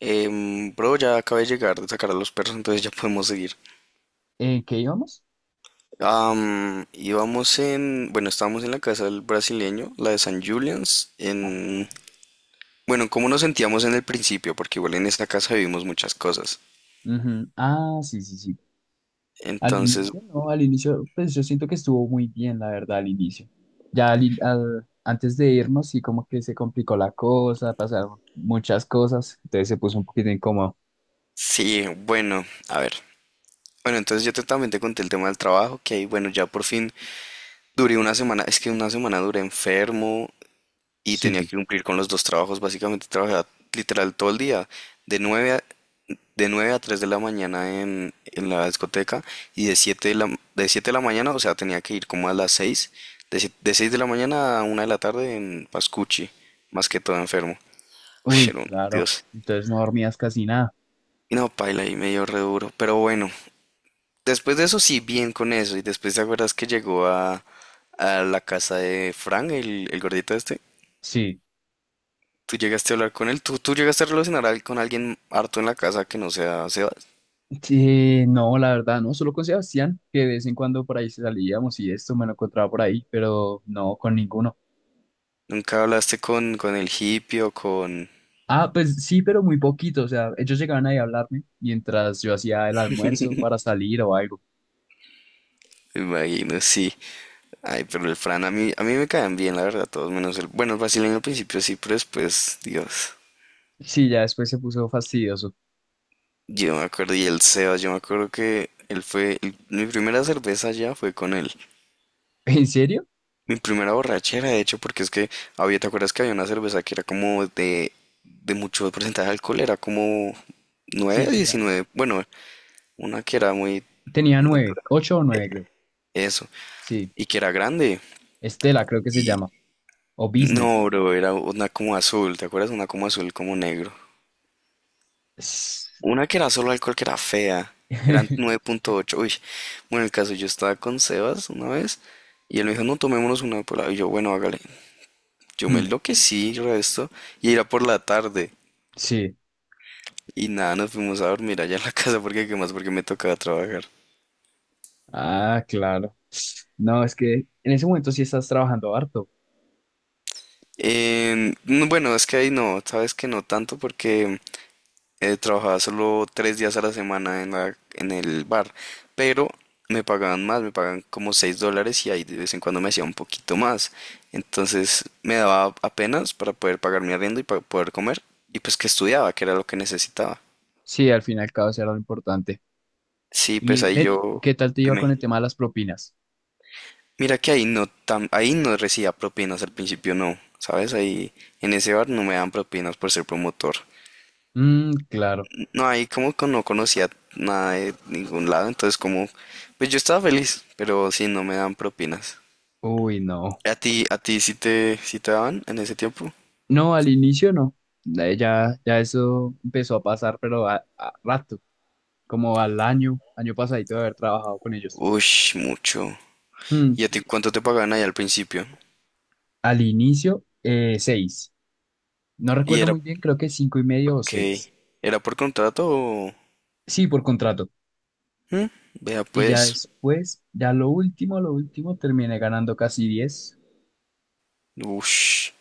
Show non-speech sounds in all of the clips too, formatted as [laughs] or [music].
Bro, ya acabé de llegar de sacar a los perros, entonces ya podemos seguir. ¿En qué íbamos? Íbamos en, bueno, estábamos en la casa del brasileño, la de San Julian's, en, Ajá. bueno, ¿cómo nos sentíamos en el principio? Porque igual en esta casa vivimos muchas cosas. Ujú. Ah, sí, sí, sí. Al Entonces, inicio, no, al inicio, pues yo siento que estuvo muy bien, la verdad, al inicio. Ya al, antes de irnos, sí, como que se complicó la cosa, pasaron muchas cosas, entonces se puso un poquito incómodo. sí, bueno, a ver. Bueno, entonces también te conté el tema del trabajo, que ahí, bueno, ya por fin duré una semana, es que una semana duré enfermo, y tenía Sí, que cumplir con los dos trabajos. Básicamente trabajaba literal todo el día, de 9 a, de 9 a 3 de la mañana en la discoteca y de 7 de la mañana, o sea, tenía que ir como a las 6 de, si- de 6 de la mañana a una de la tarde en Pascucci, más que todo enfermo. Uy, uy, era un claro. Dios. Entonces no dormías casi nada. Y no, paila, y medio re duro. Pero bueno, después de eso sí, bien con eso. Y después te acuerdas que a la casa de Frank, el gordito este. Sí. Tú llegaste a hablar con él, tú llegaste a con alguien harto en la casa que no sea Sebas. Sí, no, la verdad, no, solo con Sebastián, que de vez en cuando por ahí salíamos y esto me lo encontraba por ahí, pero no con ninguno. Nunca hablaste con el hippie o con. Ah, pues sí, pero muy poquito. O sea, ellos llegaban ahí a hablarme mientras yo hacía el almuerzo para salir o algo. Me imagino, sí. Ay, pero el Fran, a mí me caen bien, la verdad, todos menos el. Bueno, el brasileño al principio sí, pero después, Dios. Sí, ya después se puso fastidioso. Yo me acuerdo, y el Sebas, yo me acuerdo que él fue. Mi primera cerveza ya fue con él. [laughs] ¿En serio? Mi primera borrachera, de hecho, porque es que había, ¿te acuerdas que había una cerveza que era como de mucho porcentaje de alcohol? Era como nueve, Sí, sí, ya. 19, bueno, una que era muy Tenía nueve, ocho o nueve, creo. eso, Sí. y que era grande. Estela, creo que se Y llama. O no, Business. bro, era una como azul, ¿te acuerdas? Una como azul, como negro. S- Una que era solo alcohol, que era fea. Eran nueve [laughs] punto ocho. Uy, bueno, el caso, yo estaba con Sebas una vez y él me dijo, no, tomémonos una por la. Y yo, bueno, hágale. Yo me Hmm. enloquecí, resto, y era por la tarde. Sí. Y nada, nos fuimos a dormir allá en la [laughs] casa porque, ¿qué más? Porque me tocaba trabajar. Ah, claro. No, es que en ese momento sí estás trabajando harto. No, bueno, es que ahí no, sabes que no tanto porque trabajaba solo tres días a la semana en en el bar, pero me pagaban más, me pagaban como 6 dólares y ahí de vez en cuando me hacía un poquito más. Entonces me daba apenas para poder pagar mi arriendo y para poder comer, y pues que estudiaba, que era lo que necesitaba. Sí, al fin y al cabo eso era lo importante. Sí, pues ¿Y ahí ve, yo, qué tal te iba con dime, el tema de las propinas? mira que ahí no tan, ahí no recibía propinas al principio, no, ¿sabes? Ahí en ese bar no me dan propinas por ser promotor. Mm, claro. No, ahí como que no conocía nada de ningún lado, entonces como, pues yo estaba feliz, pero sí, no me dan propinas. Uy, no. A ti sí sí te daban en ese tiempo? No, al inicio no. Ya, ya eso empezó a pasar, pero a rato, como al año, año pasadito de haber trabajado con ellos. Ush, mucho. Hmm. ¿Y a ti cuánto te pagaban ahí al principio? Al inicio, seis. No Y recuerdo era, ok, muy bien, creo que cinco y medio o seis. ¿era por contrato o...? Sí, por contrato. ¿Mm? Vea Y ya pues, después, ya lo último, terminé ganando casi diez. ush,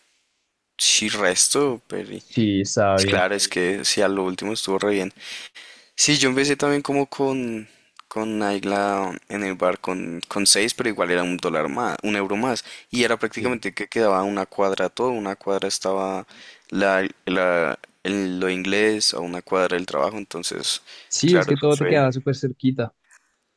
sí resto, pero Sí, estaba bien. claro, es que sí, a lo último estuvo re bien. Sí, yo empecé también con Naila en el bar con seis, pero igual era un dólar más, un euro más. Y era Sí. prácticamente que quedaba una cuadra todo, una cuadra estaba lo inglés, a una cuadra el trabajo, entonces, Sí, es claro, que eso todo te fue. quedaba súper cerquita.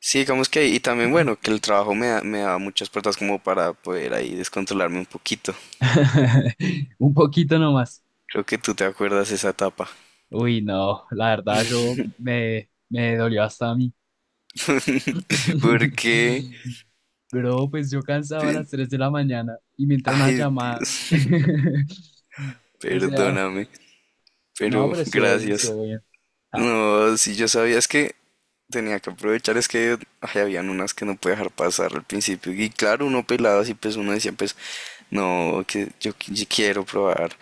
Sí, digamos que, ahí. Y también bueno, que el me daba muchas puertas como para poder ahí descontrolarme un poquito. [laughs] Un poquito nomás. Creo que tú te acuerdas esa etapa. Uy, no, la verdad, eso me dolió hasta a mí. [laughs] Porque, [laughs] Bro, pues yo cansaba a las 3 de la mañana y me entra una ay, llamada. Dios, [laughs] O sea, perdóname, no, pero pero estuvo bien, gracias. estuvo bien. Ah, No, si yo sabía, es que tenía que aprovechar, es que ay, habían unas que no podía dejar pasar al principio. Y claro, uno pelado así, pues uno decía, pues, no, que yo, yo quiero probar.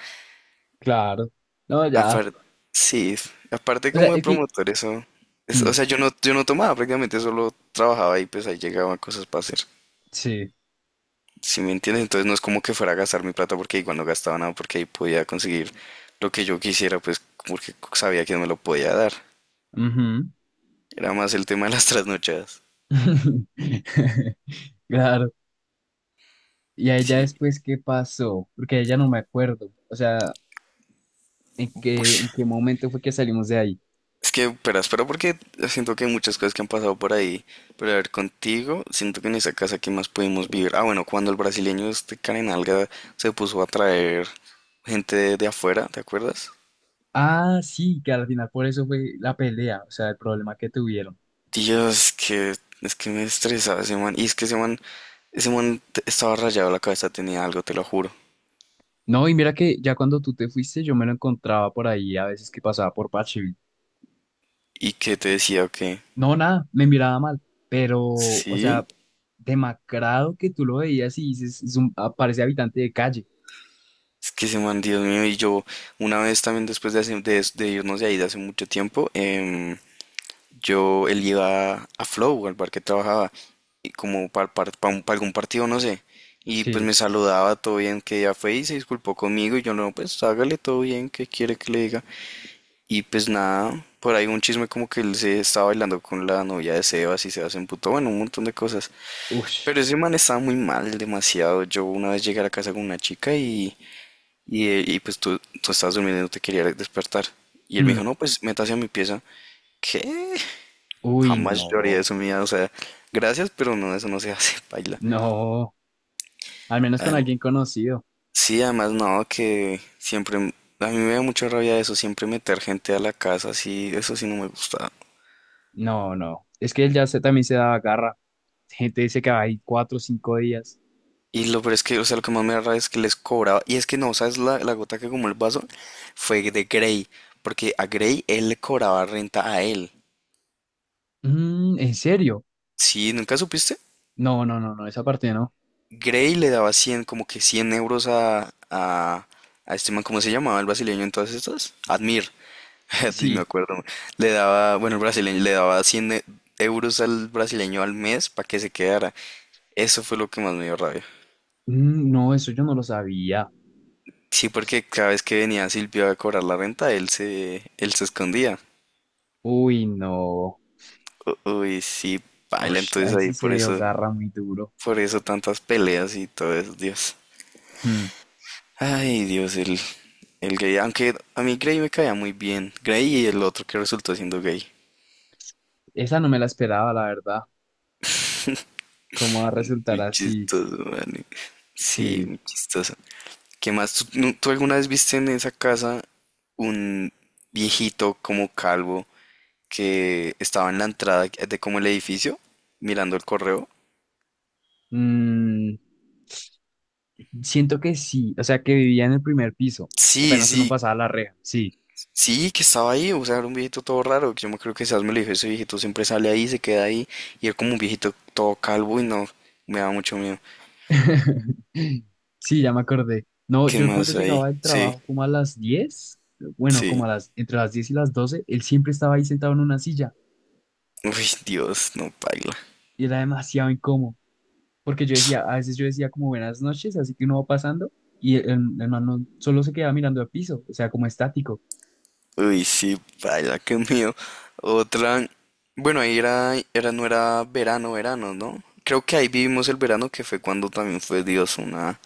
claro. No, ya. Aparte, sí, aparte O sea, como de es que. promotor, eso. O Mm, sea, yo no tomaba, prácticamente solo trabajaba y pues ahí llegaban cosas para hacer. sí. Si me entiendes, entonces no es como que fuera a gastar mi plata porque igual no gastaba nada, porque ahí podía conseguir lo que yo quisiera, pues porque sabía que no me lo podía dar. Ujú. Era más el tema de las trasnochadas. [laughs] Claro. Y a ella Sí. después, ¿qué pasó? Porque a ella no me acuerdo. O sea, Ush, en qué momento fue que salimos de ahí? es que, espera, porque siento que hay muchas cosas que han pasado por ahí. Pero a ver, contigo, siento que en esa casa que más pudimos vivir. Ah, bueno, cuando el brasileño este Karen Alga se puso a traer gente de afuera, ¿te acuerdas? Ah, sí, que al final por eso fue la pelea, o sea, el problema que tuvieron. Dios, que es que me estresaba ese man. Y es que ese man, estaba rayado la cabeza, tenía algo, te lo juro. No, y mira que ya cuando tú te fuiste, yo me lo encontraba por ahí a veces que pasaba por Parcheville. ¿Y qué te decía o qué? No, nada, me miraba mal, pero, o Sí, sea, demacrado que tú lo veías y dices, es un, ah, parece habitante de calle. es que ese man, Dios mío, y yo una vez también después de, hace- de irnos de ahí de hace mucho tiempo, yo, él iba a Flow, al bar que trabajaba, y como para algún partido, no sé. Y pues Sí. me saludaba, todo bien, que ya fue y se disculpó conmigo. Y yo, no, pues hágale todo bien, ¿que quiere que le diga? Y pues nada, por ahí un chisme como que él se estaba bailando con la novia de Sebas y Sebas se emputó, bueno, un montón de cosas. Ush. Pero ese man estaba muy mal, demasiado. Yo una vez llegué a la casa con una chica y pues tú estabas durmiendo y no te quería despertar. Y él me Mm. dijo, no, pues métase a mi pieza. ¿Qué? Uy, Jamás lloraría haría no, eso, mía. O sea, gracias, pero no, eso no se hace, [laughs] paila. no, al menos con Adem- alguien conocido. sí, además, no, que siempre. A mí me da mucha rabia eso, siempre meter gente a la casa, sí, eso sí no me gusta. No, no, es que él ya se, también se daba garra. Gente dice que va ahí cuatro o cinco días. Y lo peor es que, o sea, lo que más me da rabia es que les cobraba. Y es que no, ¿sabes? La gota que como el vaso fue de Gray. Porque a Gray él le cobraba renta a él. Mm, ¿en serio? Sí, ¿nunca supiste? No, no, no, no, esa parte no. Gray le daba 100, como que 100 euros a este man, ¿cómo se llamaba el brasileño en todas estas? Admir. [laughs] Sí, me Sí. acuerdo. Le daba, bueno, el brasileño le daba euros al brasileño al mes para que se quedara. Eso fue lo que más me dio rabia. Mm, no, eso yo no lo sabía. Sí, porque cada vez que venía Silvio a cobrar la renta, él se escondía. Uy, no. Uy, sí, baila Ush, entonces ahí ahí sí se dio garra muy duro. por eso tantas peleas y todo eso, Dios. Hmm. Ay, Dios, el gay. Aunque a mí Gray me caía muy bien. Gray y el otro que resultó siendo gay. Esa no me la esperaba, la verdad. ¿Cómo va a resultar Muy así? chistoso, man. Sí, Sí. muy chistoso. ¿Qué más? ¿Tú, no- tú alguna vez viste en esa casa un viejito como calvo que estaba en la entrada de como el edificio mirando el correo? Mm, siento que sí. O sea, que vivía en el primer piso. Sí, Apenas sí, uno pasaba la reja. Sí. sí, que estaba ahí, o sea, era un viejito todo raro, que yo me creo que Sas me lo dijo, ese viejito siempre sale ahí, se queda ahí, y era como un viejito todo calvo y no, me da mucho miedo. [laughs] Sí, ya me acordé. No, ¿Qué yo cuando más ahí? llegaba del Sí, trabajo, como a las 10, bueno, como sí. a las, entre las 10 y las 12, él siempre estaba ahí sentado en una silla Uy, Dios, no paila. y era demasiado incómodo. Porque yo decía, a veces yo decía como buenas noches, así que uno va pasando y el man solo se quedaba mirando al piso, o sea, como estático. Uy, sí, vaya, qué mío. Otra, bueno, ahí no era verano, verano, ¿no? Creo que ahí vivimos el verano que fue cuando también fue Dios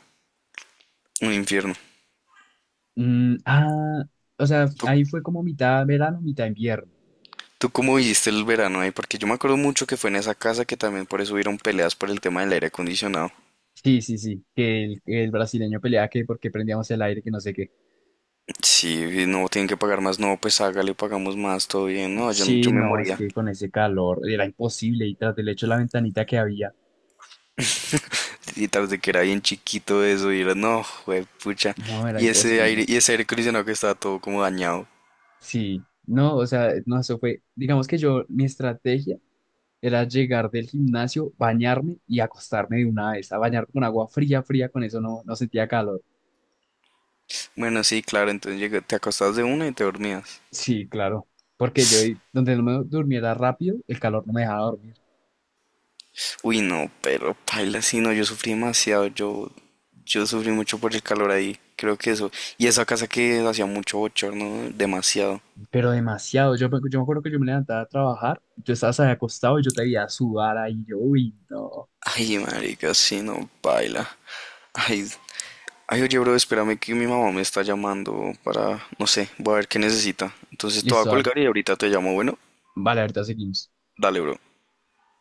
un infierno. Mm, ah, o sea, ¿Tú, ahí fue como mitad verano, mitad invierno. tú cómo viviste el verano ahí? Porque yo me acuerdo mucho que fue en esa casa que también por eso hubieron peleas por el tema del aire acondicionado. Sí, sí, sí, que el brasileño peleaba que porque prendíamos el aire, que no sé qué. Sí, no, tienen que pagar más, no, pues hágale, pagamos más, todo bien. No, Sí, yo me no, es moría. que con ese calor era imposible y tras del hecho la ventanita que había, Y tras de que era bien chiquito eso, y era, no, güey, pucha. no, era imposible. Y ese aire acondicionado que estaba todo como dañado. Sí, no, o sea, no, eso fue, digamos que yo, mi estrategia era llegar del gimnasio, bañarme y acostarme de una vez. A bañar con agua fría, fría, con eso no, no sentía calor. Bueno, sí, claro, entonces te acostabas de una y te dormías. Sí, claro. Porque yo, ahí, donde no me durmiera rápido, el calor no me dejaba dormir. Uy, no, pero paila, sí, no, yo yo sufrí mucho por el calor ahí, creo que eso. Y esa casa que hacía mucho bochorno, demasiado. Pero demasiado. Yo, yo me acuerdo que yo me levantaba a trabajar, y tú estabas ahí acostado y yo te veía sudar ahí. Yo, uy, no. Ay, marica, sí, no, paila. Ay, ay, oye, bro, espérame que mi mamá me está llamando para, no sé, voy a ver qué necesita. Entonces te voy a Listo, dale. colgar y ahorita te llamo, bueno, Vale, ahorita seguimos. dale, bro.